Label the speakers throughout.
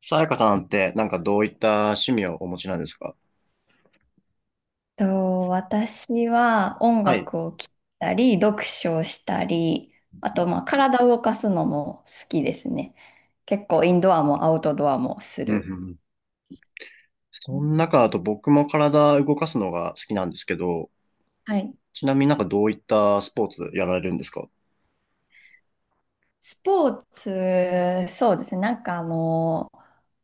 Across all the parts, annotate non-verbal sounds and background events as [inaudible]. Speaker 1: さやかさんってなんかどういった趣味をお持ちなんですか？
Speaker 2: と、私は音
Speaker 1: はい。
Speaker 2: 楽を聴いたり、読書をしたり、あと、体を動かすのも好きですね。結構、インドアもアウトドアもす
Speaker 1: うんうん
Speaker 2: る。
Speaker 1: うん。その中だと僕も体動かすのが好きなんですけど、
Speaker 2: はい。
Speaker 1: ちなみになんかどういったスポーツやられるんですか？
Speaker 2: スポーツ、そうですね。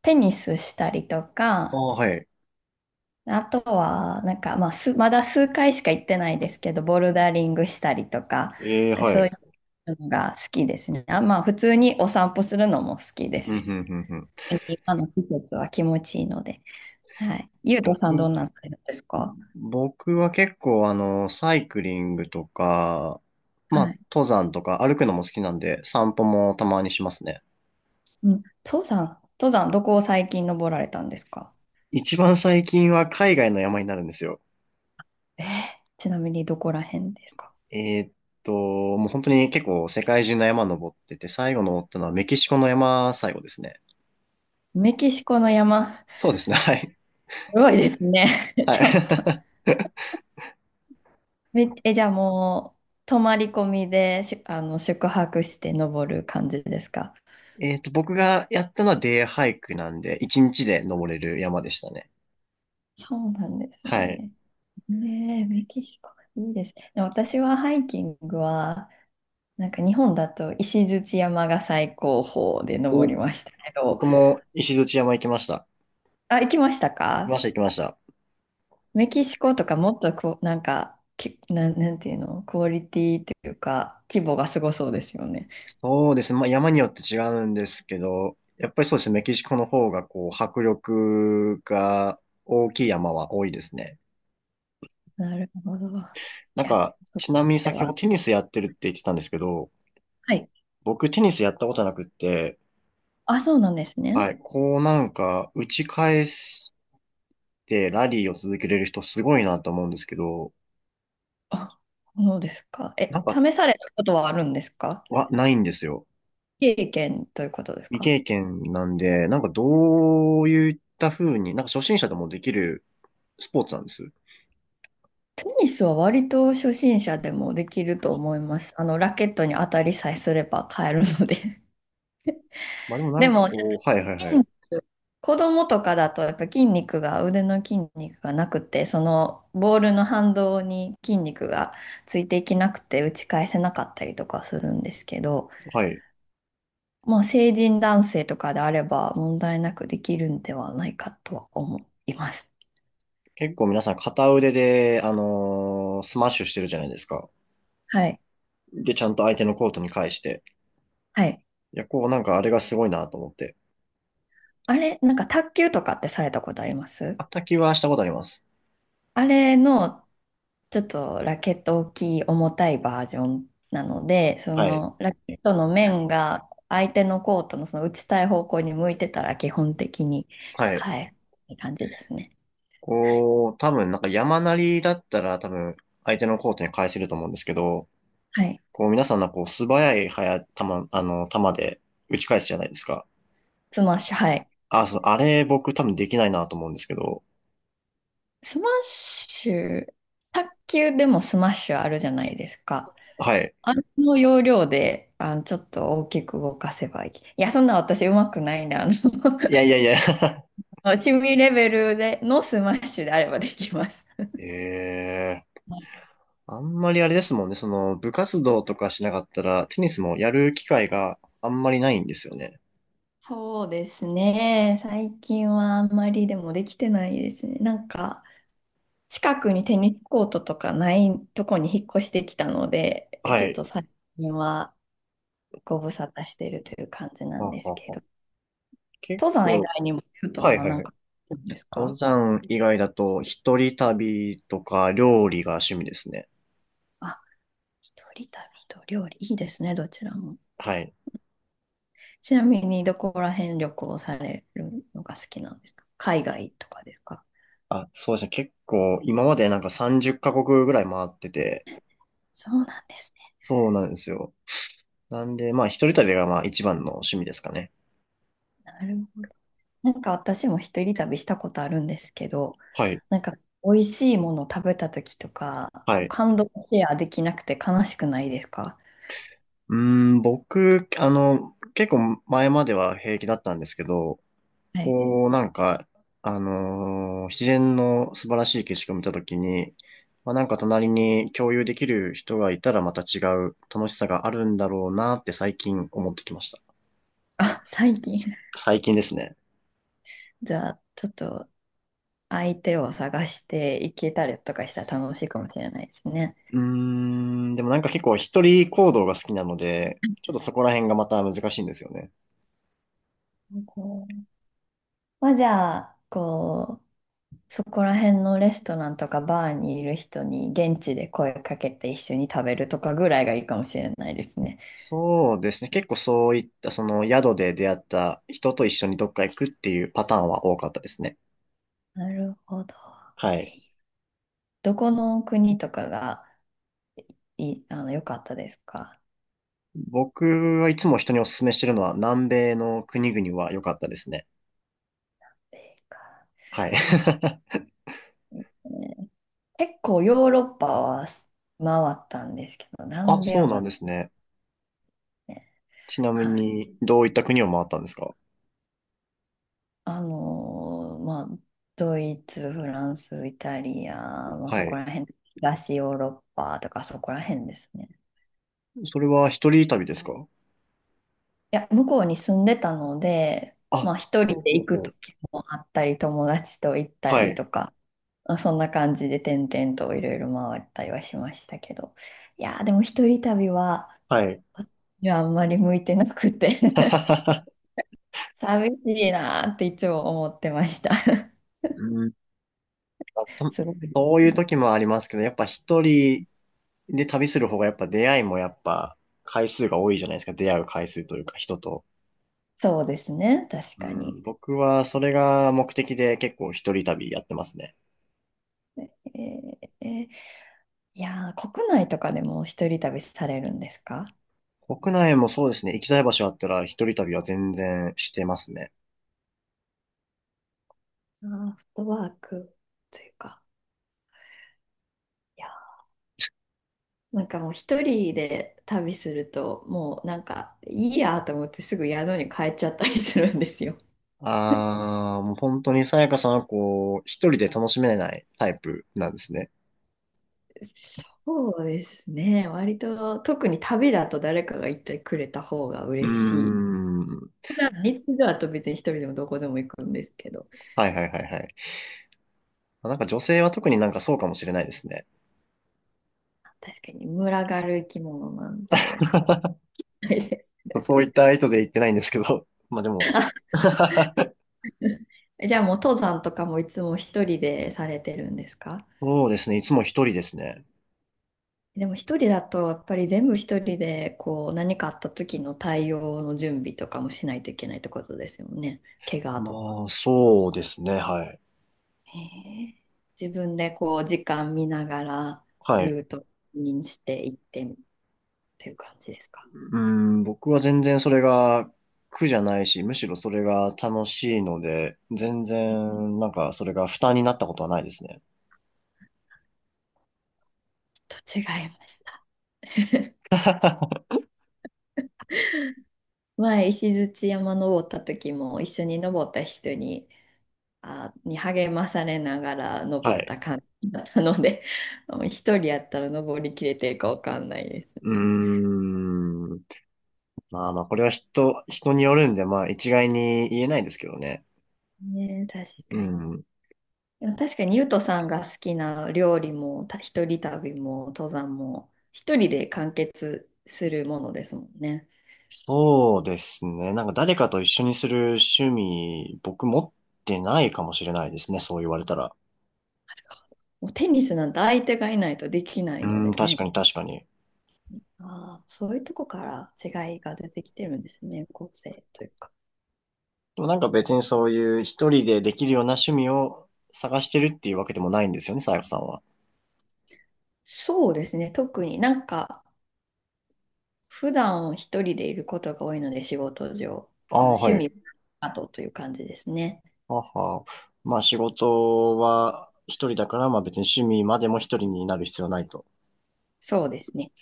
Speaker 2: テニスしたりと
Speaker 1: ああ、
Speaker 2: か、
Speaker 1: はい。
Speaker 2: あとは、まだ数回しか行ってないですけど、ボルダリングしたりとか、
Speaker 1: ええ、は
Speaker 2: そうい
Speaker 1: い。
Speaker 2: うのが好きですね。あ、普通にお散歩するのも好きで
Speaker 1: うん
Speaker 2: す。
Speaker 1: うんうんうん。
Speaker 2: 今の季節は気持ちいいので。はい。ゆうとさん、ど
Speaker 1: 僕、
Speaker 2: んなんされるんですか？
Speaker 1: 僕は結構サイクリングとか、
Speaker 2: は
Speaker 1: まあ、
Speaker 2: い。
Speaker 1: 登山とか歩くのも好きなんで、散歩もたまにしますね。
Speaker 2: うん。登山、どこを最近登られたんですか？
Speaker 1: 一番最近は海外の山になるんですよ。
Speaker 2: えー、ちなみにどこら辺ですか？
Speaker 1: えーっもう本当に結構世界中の山登ってて、最後登ったのはメキシコの山最後ですね。
Speaker 2: メキシコの山、す
Speaker 1: そうですね、[laughs] はい。
Speaker 2: ごいですね。[laughs]
Speaker 1: は
Speaker 2: ちょっと。
Speaker 1: い。
Speaker 2: じゃあもう、泊まり込みで、しゅ、あの、宿泊して登る感じですか？
Speaker 1: [laughs] 僕がやったのはデイハイクなんで、1日で登れる山でしたね。
Speaker 2: そうなんです
Speaker 1: はい。
Speaker 2: ね。ねえ、メキシコ、いいですね。私はハイキングは、なんか日本だと石鎚山が最高峰で登
Speaker 1: お、
Speaker 2: りましたけど、
Speaker 1: 僕も石鎚山行きました。
Speaker 2: あ、行きました
Speaker 1: 行きま
Speaker 2: か？
Speaker 1: した、行きました。
Speaker 2: メキシコとかもっとこう、なんか、け、なん、なんていうの、クオリティというか、規模がすごそうですよね。
Speaker 1: そうですね、まあ山によって違うんですけど、やっぱりそうですね、メキシコの方がこう、迫力が大きい山は多いですね。
Speaker 2: なるほど。い
Speaker 1: なん
Speaker 2: や、
Speaker 1: か、ちなみに
Speaker 2: で
Speaker 1: 先ほ
Speaker 2: は、
Speaker 1: どテニスやってるって言ってたんですけど、
Speaker 2: はい。
Speaker 1: 僕テニスやったことなくって、
Speaker 2: あ、そうなんですね。
Speaker 1: はい、こうなんか打ち返してラリーを続けれる人すごいなと思うんですけど、
Speaker 2: あ、そうですか。え、
Speaker 1: なんか
Speaker 2: 試されたことはあるんですか？
Speaker 1: はないんですよ。
Speaker 2: 経験ということです
Speaker 1: 未
Speaker 2: か？
Speaker 1: 経験なんで、なんかどういった風に、なんか初心者でもできるスポーツなんです。
Speaker 2: テニスは割と初心者でもできると思います。あの、ラケットに当たりさえすれば買えるので。
Speaker 1: まあでもな
Speaker 2: で
Speaker 1: んか
Speaker 2: も、
Speaker 1: こう、はいはいは
Speaker 2: 筋
Speaker 1: い。
Speaker 2: 肉子供とかだと、やっぱ筋肉が、腕の筋肉がなくて、そのボールの反動に筋肉がついていけなくて、打ち返せなかったりとかするんですけど、
Speaker 1: はい。
Speaker 2: もう成人男性とかであれば問題なくできるんではないかとは思います。
Speaker 1: 結構皆さん片腕で、スマッシュしてるじゃないですか。
Speaker 2: はい。
Speaker 1: で、ちゃんと相手のコートに返して。
Speaker 2: はい。
Speaker 1: いや、こうなんかあれがすごいなと思って。
Speaker 2: あれ、なんか卓球とかってされたことあります？
Speaker 1: あったはしたことあります。
Speaker 2: あれのちょっとラケット大きい重たいバージョンなので、そ
Speaker 1: はい。
Speaker 2: のラケットの面が相手のコートのその打ちたい方向に向いてたら基本的に
Speaker 1: はい。
Speaker 2: 変えるって感じですね。はい。
Speaker 1: こう、多分なんか山なりだったら多分相手のコートに返せると思うんですけど、
Speaker 2: はい。
Speaker 1: こう皆さんのこう素早い早球、球で打ち返すじゃないですか。
Speaker 2: スマッシュ、はい。
Speaker 1: あ、そう、あれ僕多分できないなと思うんですけど。
Speaker 2: スマッシュ、卓球でもスマッシュあるじゃないですか。
Speaker 1: はい。
Speaker 2: あの要領で、あの、ちょっと大きく動かせばいい。いや、そんな私うまくないな。あの
Speaker 1: いやいやい
Speaker 2: [laughs]
Speaker 1: や [laughs]
Speaker 2: 趣味レベルでのスマッシュであればできます。
Speaker 1: ええ、あんまりあれですもんね。その部活動とかしなかったらテニスもやる機会があんまりないんですよね。
Speaker 2: そうですね。最近はあんまりでもできてないですね。なんか、近くにテニスコートとかないとこに引っ越してきたので、
Speaker 1: は
Speaker 2: ちょっ
Speaker 1: い。
Speaker 2: と最近はご無沙汰してるという感じなん
Speaker 1: は
Speaker 2: です
Speaker 1: は
Speaker 2: け
Speaker 1: は。
Speaker 2: ど、
Speaker 1: 結
Speaker 2: 登山以
Speaker 1: 構、
Speaker 2: 外にも、ゆうと
Speaker 1: はい
Speaker 2: さ
Speaker 1: は
Speaker 2: ん
Speaker 1: い
Speaker 2: なん
Speaker 1: はい。
Speaker 2: か、どうです
Speaker 1: 登
Speaker 2: か？
Speaker 1: 山以外だと一人旅とか料理が趣味ですね。
Speaker 2: あ、一人旅と料理、いいですね、どちらも。
Speaker 1: はい。
Speaker 2: ちなみに、どこら辺旅行されるのが好きなんですか？海外とかですか？
Speaker 1: あ、そうですね。結構、今までなんか30カ国ぐらい回ってて、
Speaker 2: そうなんですね。
Speaker 1: そうなんですよ。なんで、まあ、一人旅がまあ一番の趣味ですかね。
Speaker 2: なるほど。なんか私も一人旅したことあるんですけど、
Speaker 1: はい。
Speaker 2: なんか美味しいもの食べた時とか、
Speaker 1: は
Speaker 2: こう
Speaker 1: い。
Speaker 2: 感動シェアできなくて悲しくないですか？
Speaker 1: うーん、僕、結構前までは平気だったんですけど、
Speaker 2: はい。
Speaker 1: こう、なんか、自然の素晴らしい景色を見たときに、まあ、なんか隣に共有できる人がいたらまた違う楽しさがあるんだろうなって最近思ってきました。
Speaker 2: あ、最近。[laughs]
Speaker 1: 最近ですね。
Speaker 2: じゃあ、ちょっと相手を探していけたりとかしたら楽しいかもしれないですね。
Speaker 1: うーん、でもなんか結構一人行動が好きなので、ちょっとそこら辺がまた難しいんですよね。
Speaker 2: こうまあ、じゃあ、こう、そこら辺のレストランとかバーにいる人に現地で声かけて一緒に食べるとかぐらいがいいかもしれないですね。
Speaker 1: そうですね。結構そういったその宿で出会った人と一緒にどっか行くっていうパターンは多かったですね。
Speaker 2: なるほど。
Speaker 1: はい。
Speaker 2: え、どこの国とかがいい、あの、良かったですか？
Speaker 1: 僕はいつも人にお勧めしてるのは南米の国々は良かったですね。
Speaker 2: えーか
Speaker 1: はい。[laughs]
Speaker 2: ね、結構ヨーロッパは回ったんですけど、
Speaker 1: あ、
Speaker 2: 南米
Speaker 1: そ
Speaker 2: は
Speaker 1: うなん
Speaker 2: まだ
Speaker 1: ですね。
Speaker 2: ね、
Speaker 1: ちなみ
Speaker 2: はい。
Speaker 1: にどういった国を回ったんですか？
Speaker 2: まあ、ドイツ、フランス、イタリア、まあ、
Speaker 1: は
Speaker 2: そこ
Speaker 1: い。
Speaker 2: ら辺、東ヨーロッパとかそこら辺ですね。
Speaker 1: それは一人旅ですか？
Speaker 2: いや、向こうに住んでたので、
Speaker 1: あ、
Speaker 2: まあ一人
Speaker 1: ほう
Speaker 2: で
Speaker 1: ほ
Speaker 2: 行
Speaker 1: う
Speaker 2: く
Speaker 1: ほ
Speaker 2: 時
Speaker 1: う。
Speaker 2: もあったり、友達と行った
Speaker 1: は
Speaker 2: り
Speaker 1: い。
Speaker 2: とか、まあ、そんな感じで点々といろいろ回ったりはしましたけど、いやー、でも一人旅は、
Speaker 1: はい。
Speaker 2: 私にはあんまり向いてなくて [laughs]
Speaker 1: [laughs]
Speaker 2: 寂しいなーっていつも思ってました [laughs]
Speaker 1: うあと、
Speaker 2: すごいで
Speaker 1: そう
Speaker 2: す
Speaker 1: いう
Speaker 2: ね。
Speaker 1: 時もありますけど、やっぱ一人で旅する方がやっぱ出会いもやっぱ回数が多いじゃないですか。出会う回数というか人と。
Speaker 2: そうですね、確
Speaker 1: う
Speaker 2: か
Speaker 1: ん、
Speaker 2: に。
Speaker 1: 僕はそれが目的で結構一人旅やってますね。
Speaker 2: えーえー、いやー、国内とかでも一人旅されるんですか？
Speaker 1: 国内もそうですね。行きたい場所あったら一人旅は全然してますね。
Speaker 2: あー、フットワークというか。なんかもう一人で旅すると、もうなんかいいやと思ってすぐ宿に帰っちゃったりするんですよ。
Speaker 1: ああ、もう本当にさやかさんはこう、一人で楽しめないタイプなんですね。
Speaker 2: そうですね。割と特に旅だと誰かが行ってくれた方が
Speaker 1: うー
Speaker 2: 嬉しい。
Speaker 1: ん。
Speaker 2: 普段日中だと別に一人でもどこでも行くんですけど、
Speaker 1: はいはいはいはい。なんか女性は特になんかそうかもしれないですね。
Speaker 2: 確かに群がる生き物なんで、そうないです。
Speaker 1: そういった意図で言ってないんですけど。[laughs] まあでも。[laughs]
Speaker 2: [laughs] じゃあもう登山とかもいつも一人でされてるんですか？
Speaker 1: そうですね。いつも一人ですね。
Speaker 2: でも一人だとやっぱり全部一人でこう何かあった時の対応の準備とかもしないといけないってことですよね。怪我
Speaker 1: ま
Speaker 2: とか。
Speaker 1: あ、そうですね。はい。
Speaker 2: へえ、自分でこう時間見ながら
Speaker 1: はい。
Speaker 2: ルートにしていってっていう感じですか。
Speaker 1: うん、僕は全然それが苦じゃないし、むしろそれが楽しいので、全然、なんか、それが負担になったことはないですね。
Speaker 2: [laughs] ちょっと違いました。
Speaker 1: [laughs]
Speaker 2: 前石鎚山登った時も一緒に登った人に、に励まされながら
Speaker 1: は
Speaker 2: 登っ
Speaker 1: い。
Speaker 2: た感じだったので、[laughs] 一人やったら登りきれてるかわかんないです
Speaker 1: う
Speaker 2: ね。
Speaker 1: ーん。まあまあ、これは人によるんで、まあ、一概に言えないですけどね。
Speaker 2: ねえ、確か
Speaker 1: う
Speaker 2: に。
Speaker 1: ん。
Speaker 2: でも確かにゆうとさんが好きな料理も、一人旅も登山も、一人で完結するものですもんね。
Speaker 1: そうですね。なんか誰かと一緒にする趣味、僕持ってないかもしれないですね。そう言われたら。
Speaker 2: もうテニスなんて相手がいないとできな
Speaker 1: う
Speaker 2: いの
Speaker 1: ん、
Speaker 2: で
Speaker 1: 確
Speaker 2: ね。
Speaker 1: かに確かに。
Speaker 2: ああ、そういうとこから違いが出てきてるんですね、個性というか。
Speaker 1: でもなんか別にそういう一人でできるような趣味を探してるっていうわけでもないんですよね、さやかさんは。
Speaker 2: そうですね、特になんか、普段一人でいることが多いので、仕事上、
Speaker 1: あ
Speaker 2: あの
Speaker 1: あ、
Speaker 2: 趣
Speaker 1: はい。
Speaker 2: 味などという感じですね。
Speaker 1: はは。まあ仕事は一人だから、まあ別に趣味までも一人になる必要はないと。
Speaker 2: そうですね。